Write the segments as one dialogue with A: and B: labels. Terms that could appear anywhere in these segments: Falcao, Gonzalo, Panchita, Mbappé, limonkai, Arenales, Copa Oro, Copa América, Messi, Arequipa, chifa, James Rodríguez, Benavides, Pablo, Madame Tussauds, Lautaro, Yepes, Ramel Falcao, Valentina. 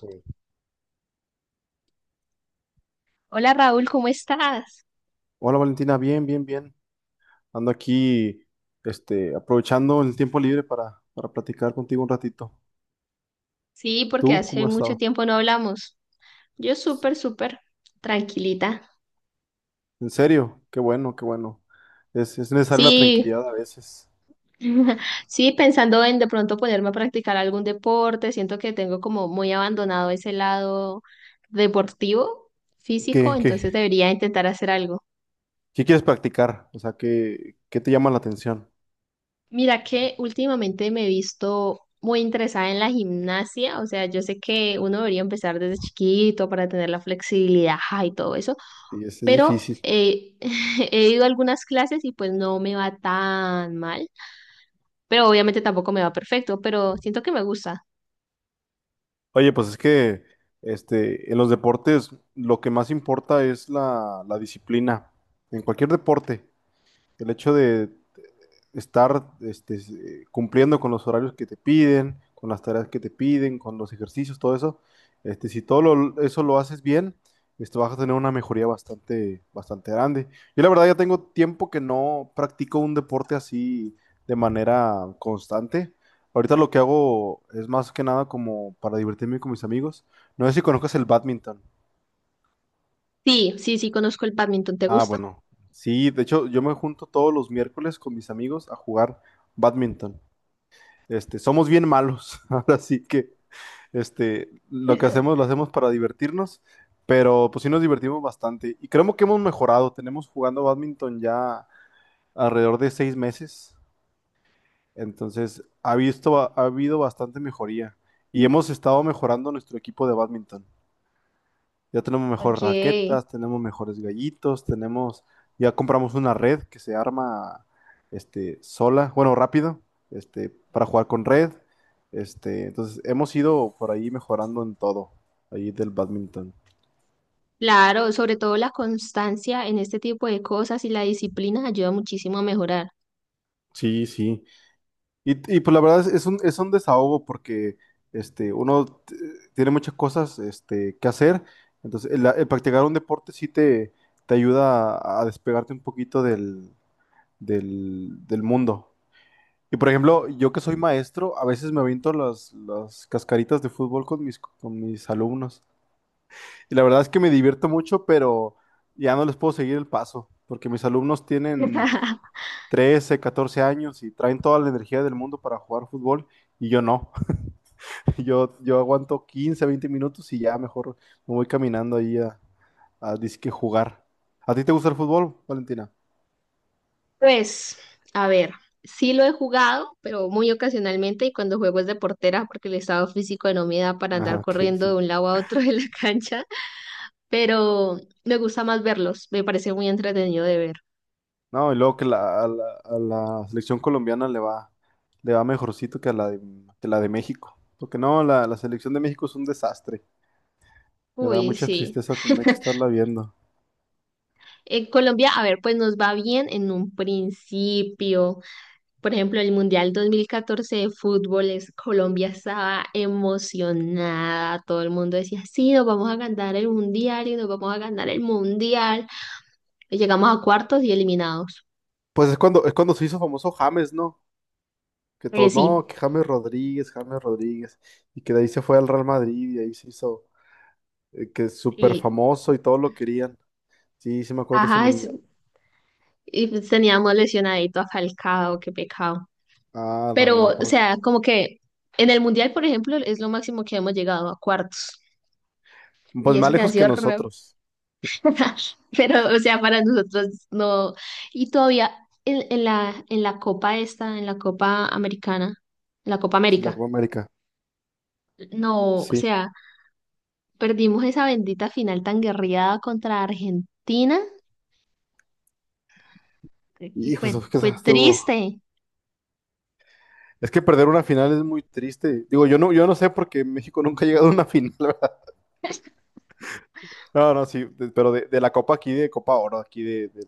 A: Sí.
B: Hola Raúl, ¿cómo estás?
A: Hola Valentina, bien, bien, bien. Ando aquí, aprovechando el tiempo libre para platicar contigo un ratito.
B: Sí, porque
A: ¿Tú
B: hace
A: cómo has
B: mucho
A: estado?
B: tiempo no hablamos. Yo súper, tranquilita.
A: En serio, qué bueno, qué bueno. Es necesaria la
B: Sí,
A: tranquilidad a veces.
B: sí, pensando en de pronto ponerme a practicar algún deporte. Siento que tengo como muy abandonado ese lado deportivo, físico,
A: ¿Qué,
B: entonces
A: qué,
B: debería intentar hacer algo.
A: qué quieres practicar? O sea, ¿ qué te llama la atención?
B: Mira que últimamente me he visto muy interesada en la gimnasia, o sea, yo sé que uno debería empezar desde chiquito para tener la flexibilidad y todo eso
A: Y es
B: pero
A: difícil.
B: he ido a algunas clases y pues no me va tan mal, pero obviamente tampoco me va perfecto, pero siento que me gusta.
A: Oye, pues es que en los deportes lo que más importa es la disciplina. En cualquier deporte, el hecho de estar cumpliendo con los horarios que te piden, con las tareas que te piden, con los ejercicios, todo eso. Si eso lo haces bien, esto vas a tener una mejoría bastante, bastante grande. Yo la verdad ya tengo tiempo que no practico un deporte así de manera constante. Ahorita lo que hago es más que nada como para divertirme con mis amigos. No sé si conozcas el badminton.
B: Sí, sí, sí, conozco el badminton. ¿Te
A: Ah,
B: gusta?
A: bueno. Sí, de hecho yo me junto todos los miércoles con mis amigos a jugar badminton. Somos bien malos, ahora sí que lo que hacemos lo hacemos para divertirnos, pero pues sí nos divertimos bastante y creemos que hemos mejorado. Tenemos jugando bádminton ya alrededor de seis meses, entonces ha habido bastante mejoría y hemos estado mejorando nuestro equipo de bádminton. Ya tenemos mejores
B: Ok.
A: raquetas, tenemos mejores gallitos, tenemos, ya compramos una red que se arma sola, bueno, rápido, para jugar con red. Entonces hemos ido por ahí mejorando en todo, ahí del badminton.
B: Claro, sobre todo la constancia en este tipo de cosas y la disciplina ayuda muchísimo a mejorar.
A: Sí, sí. Pues la verdad es es un desahogo porque este, uno t- tiene muchas cosas que hacer. Entonces, el practicar un deporte sí te ayuda a despegarte un poquito del mundo. Y por ejemplo, yo que soy maestro, a veces me aviento las cascaritas de fútbol con con mis alumnos. Y la verdad es que me divierto mucho, pero ya no les puedo seguir el paso, porque mis alumnos tienen 13 14 años y traen toda la energía del mundo para jugar fútbol y yo no. Yo aguanto 15 20 minutos y ya mejor me voy caminando a disque jugar. ¿A ti te gusta el fútbol, Valentina?
B: Pues, a ver, sí lo he jugado, pero muy ocasionalmente, y cuando juego es de portera porque el estado físico no me da para
A: Ah,
B: andar
A: ok,
B: corriendo de
A: sí.
B: un lado a otro de la cancha. Pero me gusta más verlos, me parece muy entretenido de ver.
A: No, y luego que a la selección colombiana le va mejorcito que a la de, que la de México. Porque no, la selección de México es un desastre. Me da
B: Uy,
A: mucha
B: sí.
A: tristeza tener que estarla viendo.
B: En Colombia, a ver, pues nos va bien en un principio. Por ejemplo, el Mundial 2014 de fútbol, Colombia estaba emocionada, todo el mundo decía, sí, nos vamos a ganar el Mundial y nos vamos a ganar el Mundial. Y llegamos a cuartos y eliminados.
A: Pues es cuando se hizo famoso James, ¿no? Que todos, no,
B: Sí,
A: que James Rodríguez, James Rodríguez. Y que de ahí se fue al Real Madrid y ahí se hizo, que es súper
B: y,
A: famoso y todos lo querían. Sí, sí me acuerdo de ese
B: ajá,
A: mundial.
B: y pues teníamos lesionadito a Falcao, qué pecado.
A: Ah,
B: Pero,
A: Ramel
B: o sea,
A: Falcao.
B: como que en el mundial, por ejemplo, es lo máximo que hemos llegado a cuartos.
A: Pues
B: Y
A: más
B: eso que ha
A: lejos que
B: sido raro.
A: nosotros.
B: Pero, o sea, para nosotros no. Y todavía en en la Copa esta, en la Copa Americana, en la Copa
A: Sí, la Copa
B: América.
A: América.
B: No, o
A: Sí.
B: sea, perdimos esa bendita final tan guerreada contra Argentina.
A: Hijo, eso fue que se
B: Fue
A: estuvo.
B: triste.
A: Es que perder una final es muy triste. Digo, yo no sé porque México nunca ha llegado a una final, ¿verdad? No, no, sí, de- pero de la Copa aquí, de Copa Oro, aquí de, de-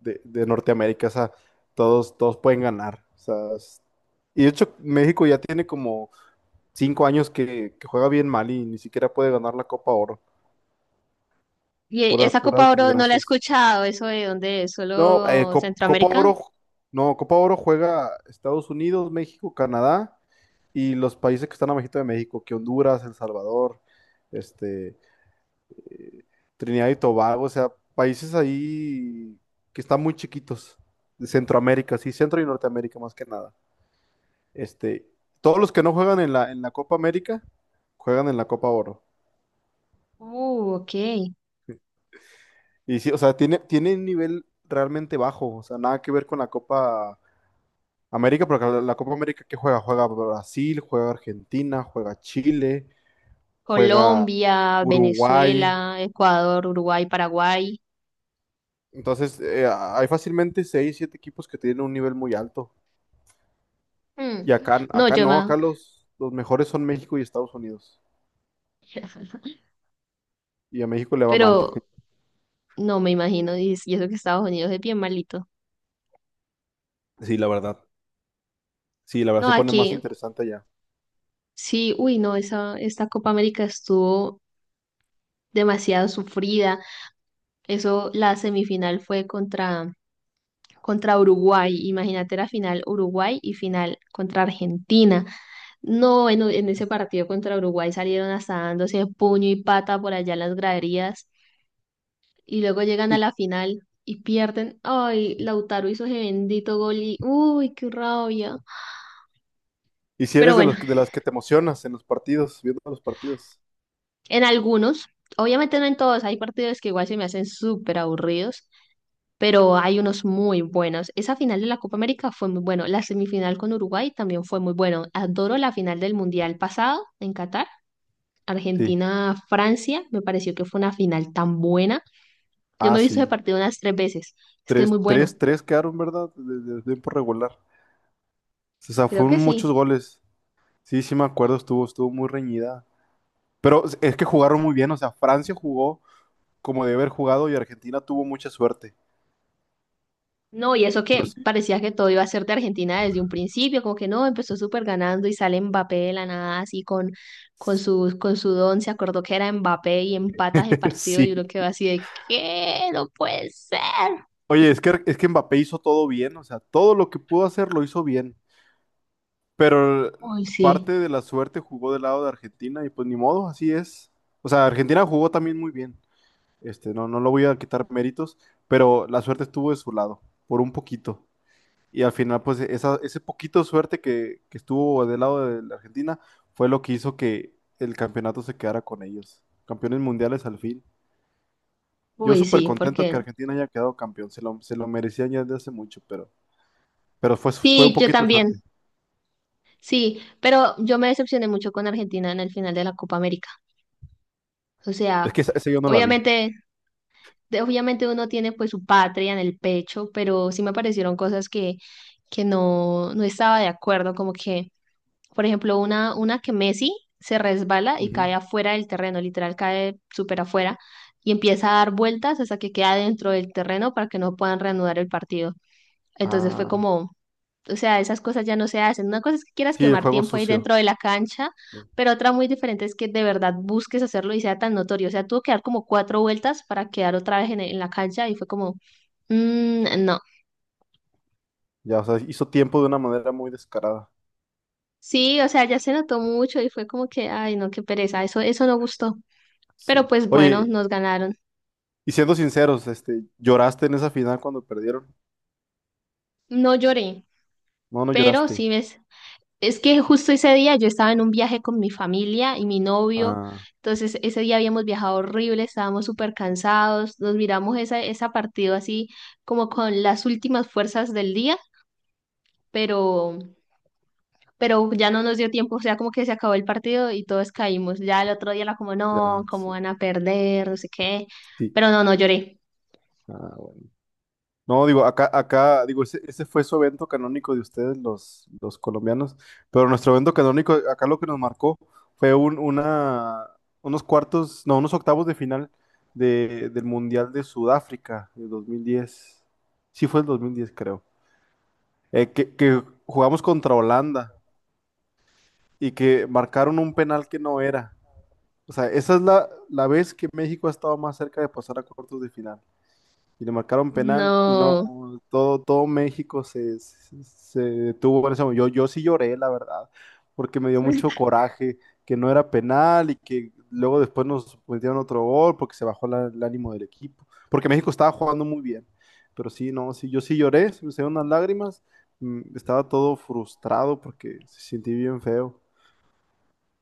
A: de- de Norteamérica, o sea, todos, todos pueden ganar. O sea, es- y de hecho, México ya tiene como cinco años que juega bien mal y ni siquiera puede ganar la Copa Oro.
B: Y
A: Puras,
B: esa
A: puras
B: Copa Oro no la he
A: desgracias.
B: escuchado, eso de dónde es,
A: No,
B: ¿solo
A: Copa
B: Centroamérica?
A: Oro, no, Copa Oro juega Estados Unidos, México, Canadá y los países que están abajito de México, que Honduras, El Salvador, este, eh, Trinidad y Tobago, o sea, países ahí que están muy chiquitos, de Centroamérica, sí, Centro y Norteamérica más que nada. Este, Todos los que no juegan en en la Copa América, juegan en la Copa Oro.
B: Ok.
A: Y sí, o sea, tiene un nivel realmente bajo, o sea, nada que ver con la Copa América, porque la Copa América que juega, juega Brasil, juega Argentina, juega Chile, juega
B: Colombia,
A: Uruguay.
B: Venezuela, Ecuador, Uruguay, Paraguay.
A: Entonces, hay fácilmente seis, siete equipos que tienen un nivel muy alto. Y
B: Mm. No,
A: acá
B: yo
A: no,
B: más.
A: acá los mejores son México y Estados Unidos. Y a México le va mal.
B: Pero no me imagino, y eso que Estados Unidos es bien malito.
A: Sí, la verdad. Sí, la verdad
B: No,
A: se pone más
B: aquí
A: interesante ya.
B: sí, uy, no, esta Copa América estuvo demasiado sufrida. Eso, la semifinal fue contra Uruguay. Imagínate la final Uruguay y final contra Argentina. No, en ese partido contra Uruguay salieron hasta dándose puño y pata por allá en las graderías. Y luego llegan a
A: Y,
B: la final y pierden. Ay, Lautaro hizo ese bendito gol y uy, qué rabia.
A: y si
B: Pero
A: eres de
B: bueno,
A: los, de las que te emocionas en los partidos, viendo los partidos.
B: en algunos, obviamente no en todos, hay partidos que igual se me hacen súper aburridos, pero hay unos muy buenos. Esa final de la Copa América fue muy bueno, la semifinal con Uruguay también fue muy bueno. Adoro la final del Mundial pasado en Qatar.
A: Sí.
B: Argentina-Francia, me pareció que fue una final tan buena. Yo
A: Ah,
B: me he visto ese
A: sí.
B: partido unas tres veces. Es que es
A: Tres,
B: muy bueno.
A: tres, tres quedaron, ¿verdad? De tiempo regular. O sea,
B: Creo
A: fueron
B: que
A: muchos
B: sí.
A: goles. Sí, sí me acuerdo, estuvo, estuvo muy reñida. Pero es que jugaron muy bien, o sea, Francia jugó como debe haber jugado y Argentina tuvo mucha suerte.
B: No, y eso
A: Pero
B: que
A: sí,
B: parecía que todo iba a ser de Argentina desde un principio, como que no, empezó súper ganando y sale Mbappé de la nada, así con, con su don, se acordó que era Mbappé y empatas de partido y
A: sí.
B: uno quedó así de, ¿qué? No puede ser.
A: Oye, es que Mbappé hizo todo bien, o sea, todo lo que pudo hacer lo hizo bien. Pero
B: Uy,
A: parte
B: sí,
A: de la suerte jugó del lado de Argentina y pues ni modo, así es. O sea, Argentina jugó también muy bien. No, no lo voy a quitar méritos, pero la suerte estuvo de su lado, por un poquito. Y al final, pues ese poquito suerte que estuvo del lado de la Argentina fue lo que hizo que el campeonato se quedara con ellos. Campeones mundiales al fin. Yo
B: uy,
A: súper
B: sí,
A: contento que
B: porque
A: Argentina haya quedado campeón. Se lo merecían ya desde hace mucho, pero fue, fue un
B: sí, yo
A: poquito de
B: también,
A: suerte.
B: sí, pero yo me decepcioné mucho con Argentina en el final de la Copa América. O
A: Es
B: sea,
A: que esa yo no la vi.
B: obviamente obviamente uno tiene pues su patria en el pecho, pero sí me aparecieron cosas que no estaba de acuerdo, como que, por ejemplo, una que Messi se resbala y
A: Ujú.
B: cae afuera del terreno, literal cae súper afuera y empieza a dar vueltas hasta que queda dentro del terreno para que no puedan reanudar el partido. Entonces fue
A: Ah,
B: como... O sea, esas cosas ya no se hacen. Una cosa es que quieras
A: sí, el
B: quemar
A: juego
B: tiempo ahí
A: sucio.
B: dentro de la cancha, pero otra muy diferente es que de verdad busques hacerlo y sea tan notorio. O sea, tuvo que dar como cuatro vueltas para quedar otra vez en la cancha y fue como, "Mm, no".
A: Ya, o sea, hizo tiempo de una manera muy descarada.
B: Sí, o sea, ya se notó mucho y fue como que, ay, no, qué pereza, eso no gustó. Pero
A: Sí.
B: pues bueno,
A: Oye,
B: nos ganaron.
A: y siendo sinceros, ¿lloraste en esa final cuando perdieron?
B: No lloré,
A: No, no
B: pero
A: lloraste.
B: sí ves, es que justo ese día yo estaba en un viaje con mi familia y mi novio,
A: Ah,
B: entonces ese día habíamos viajado horrible, estábamos súper cansados, nos miramos esa, esa partido así como con las últimas fuerzas del día, pero, pero ya no nos dio tiempo, o sea, como que se acabó el partido y todos caímos. Ya el otro día era como, no,
A: ya,
B: cómo
A: sí.
B: van a perder, no sé qué,
A: Sí.
B: pero no, no lloré.
A: Ah, bueno. No, digo, acá, acá, digo, ese fue su evento canónico de ustedes, los colombianos, pero nuestro evento canónico, acá lo que nos marcó fue unos cuartos, no, unos octavos de final del Mundial de Sudáfrica de 2010. Sí fue el 2010, creo. Que jugamos contra Holanda y que marcaron un penal que no era. O sea, esa es la vez que México ha estado más cerca de pasar a cuartos de final. Y le marcaron penal y no,
B: No,
A: todo, todo México se detuvo en ese momento. Yo sí lloré, la verdad, porque me dio mucho coraje que no era penal y que luego después nos metieron otro gol porque se bajó el ánimo del equipo, porque México estaba jugando muy bien. Pero sí, no, sí, yo sí lloré, se me salieron unas lágrimas, mm, estaba todo frustrado porque se sentí bien feo.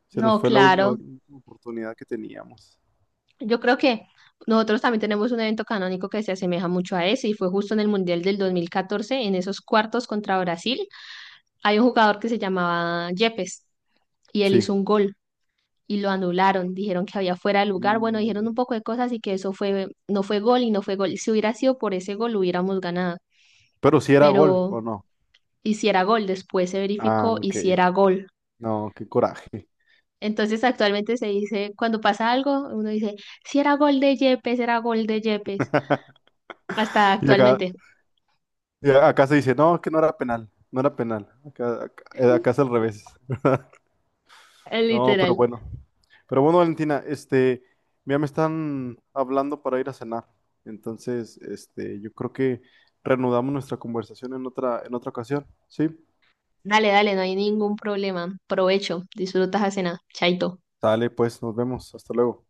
A: Se nos
B: no,
A: fue la
B: claro.
A: última oportunidad que teníamos.
B: Yo creo que nosotros también tenemos un evento canónico que se asemeja mucho a ese y fue justo en el Mundial del 2014 en esos cuartos contra Brasil. Hay un jugador que se llamaba Yepes y él
A: Sí.
B: hizo un gol y lo anularon. Dijeron que había fuera de lugar. Bueno,
A: Y-
B: dijeron un poco de cosas y que eso fue, no fue gol y no fue gol. Si hubiera sido por ese gol, hubiéramos ganado.
A: pero si era gol
B: Pero
A: o no.
B: hiciera gol, después se
A: Ah,
B: verificó,
A: ok.
B: hiciera gol.
A: No, qué coraje.
B: Entonces actualmente se dice, cuando pasa algo, uno dice, si era gol de Yepes, era gol de Yepes. Hasta
A: Y acá,
B: actualmente.
A: y acá se dice, no, que no era penal, no era penal. Acá, acá, acá es al revés. No, pero
B: Literal.
A: bueno. Pero bueno, Valentina, ya me están hablando para ir a cenar. Entonces, yo creo que reanudamos nuestra conversación en otra ocasión. Sí.
B: Dale, dale, no hay ningún problema. Provecho, disfrutas la cena. Chaito.
A: Sale, pues, nos vemos. Hasta luego.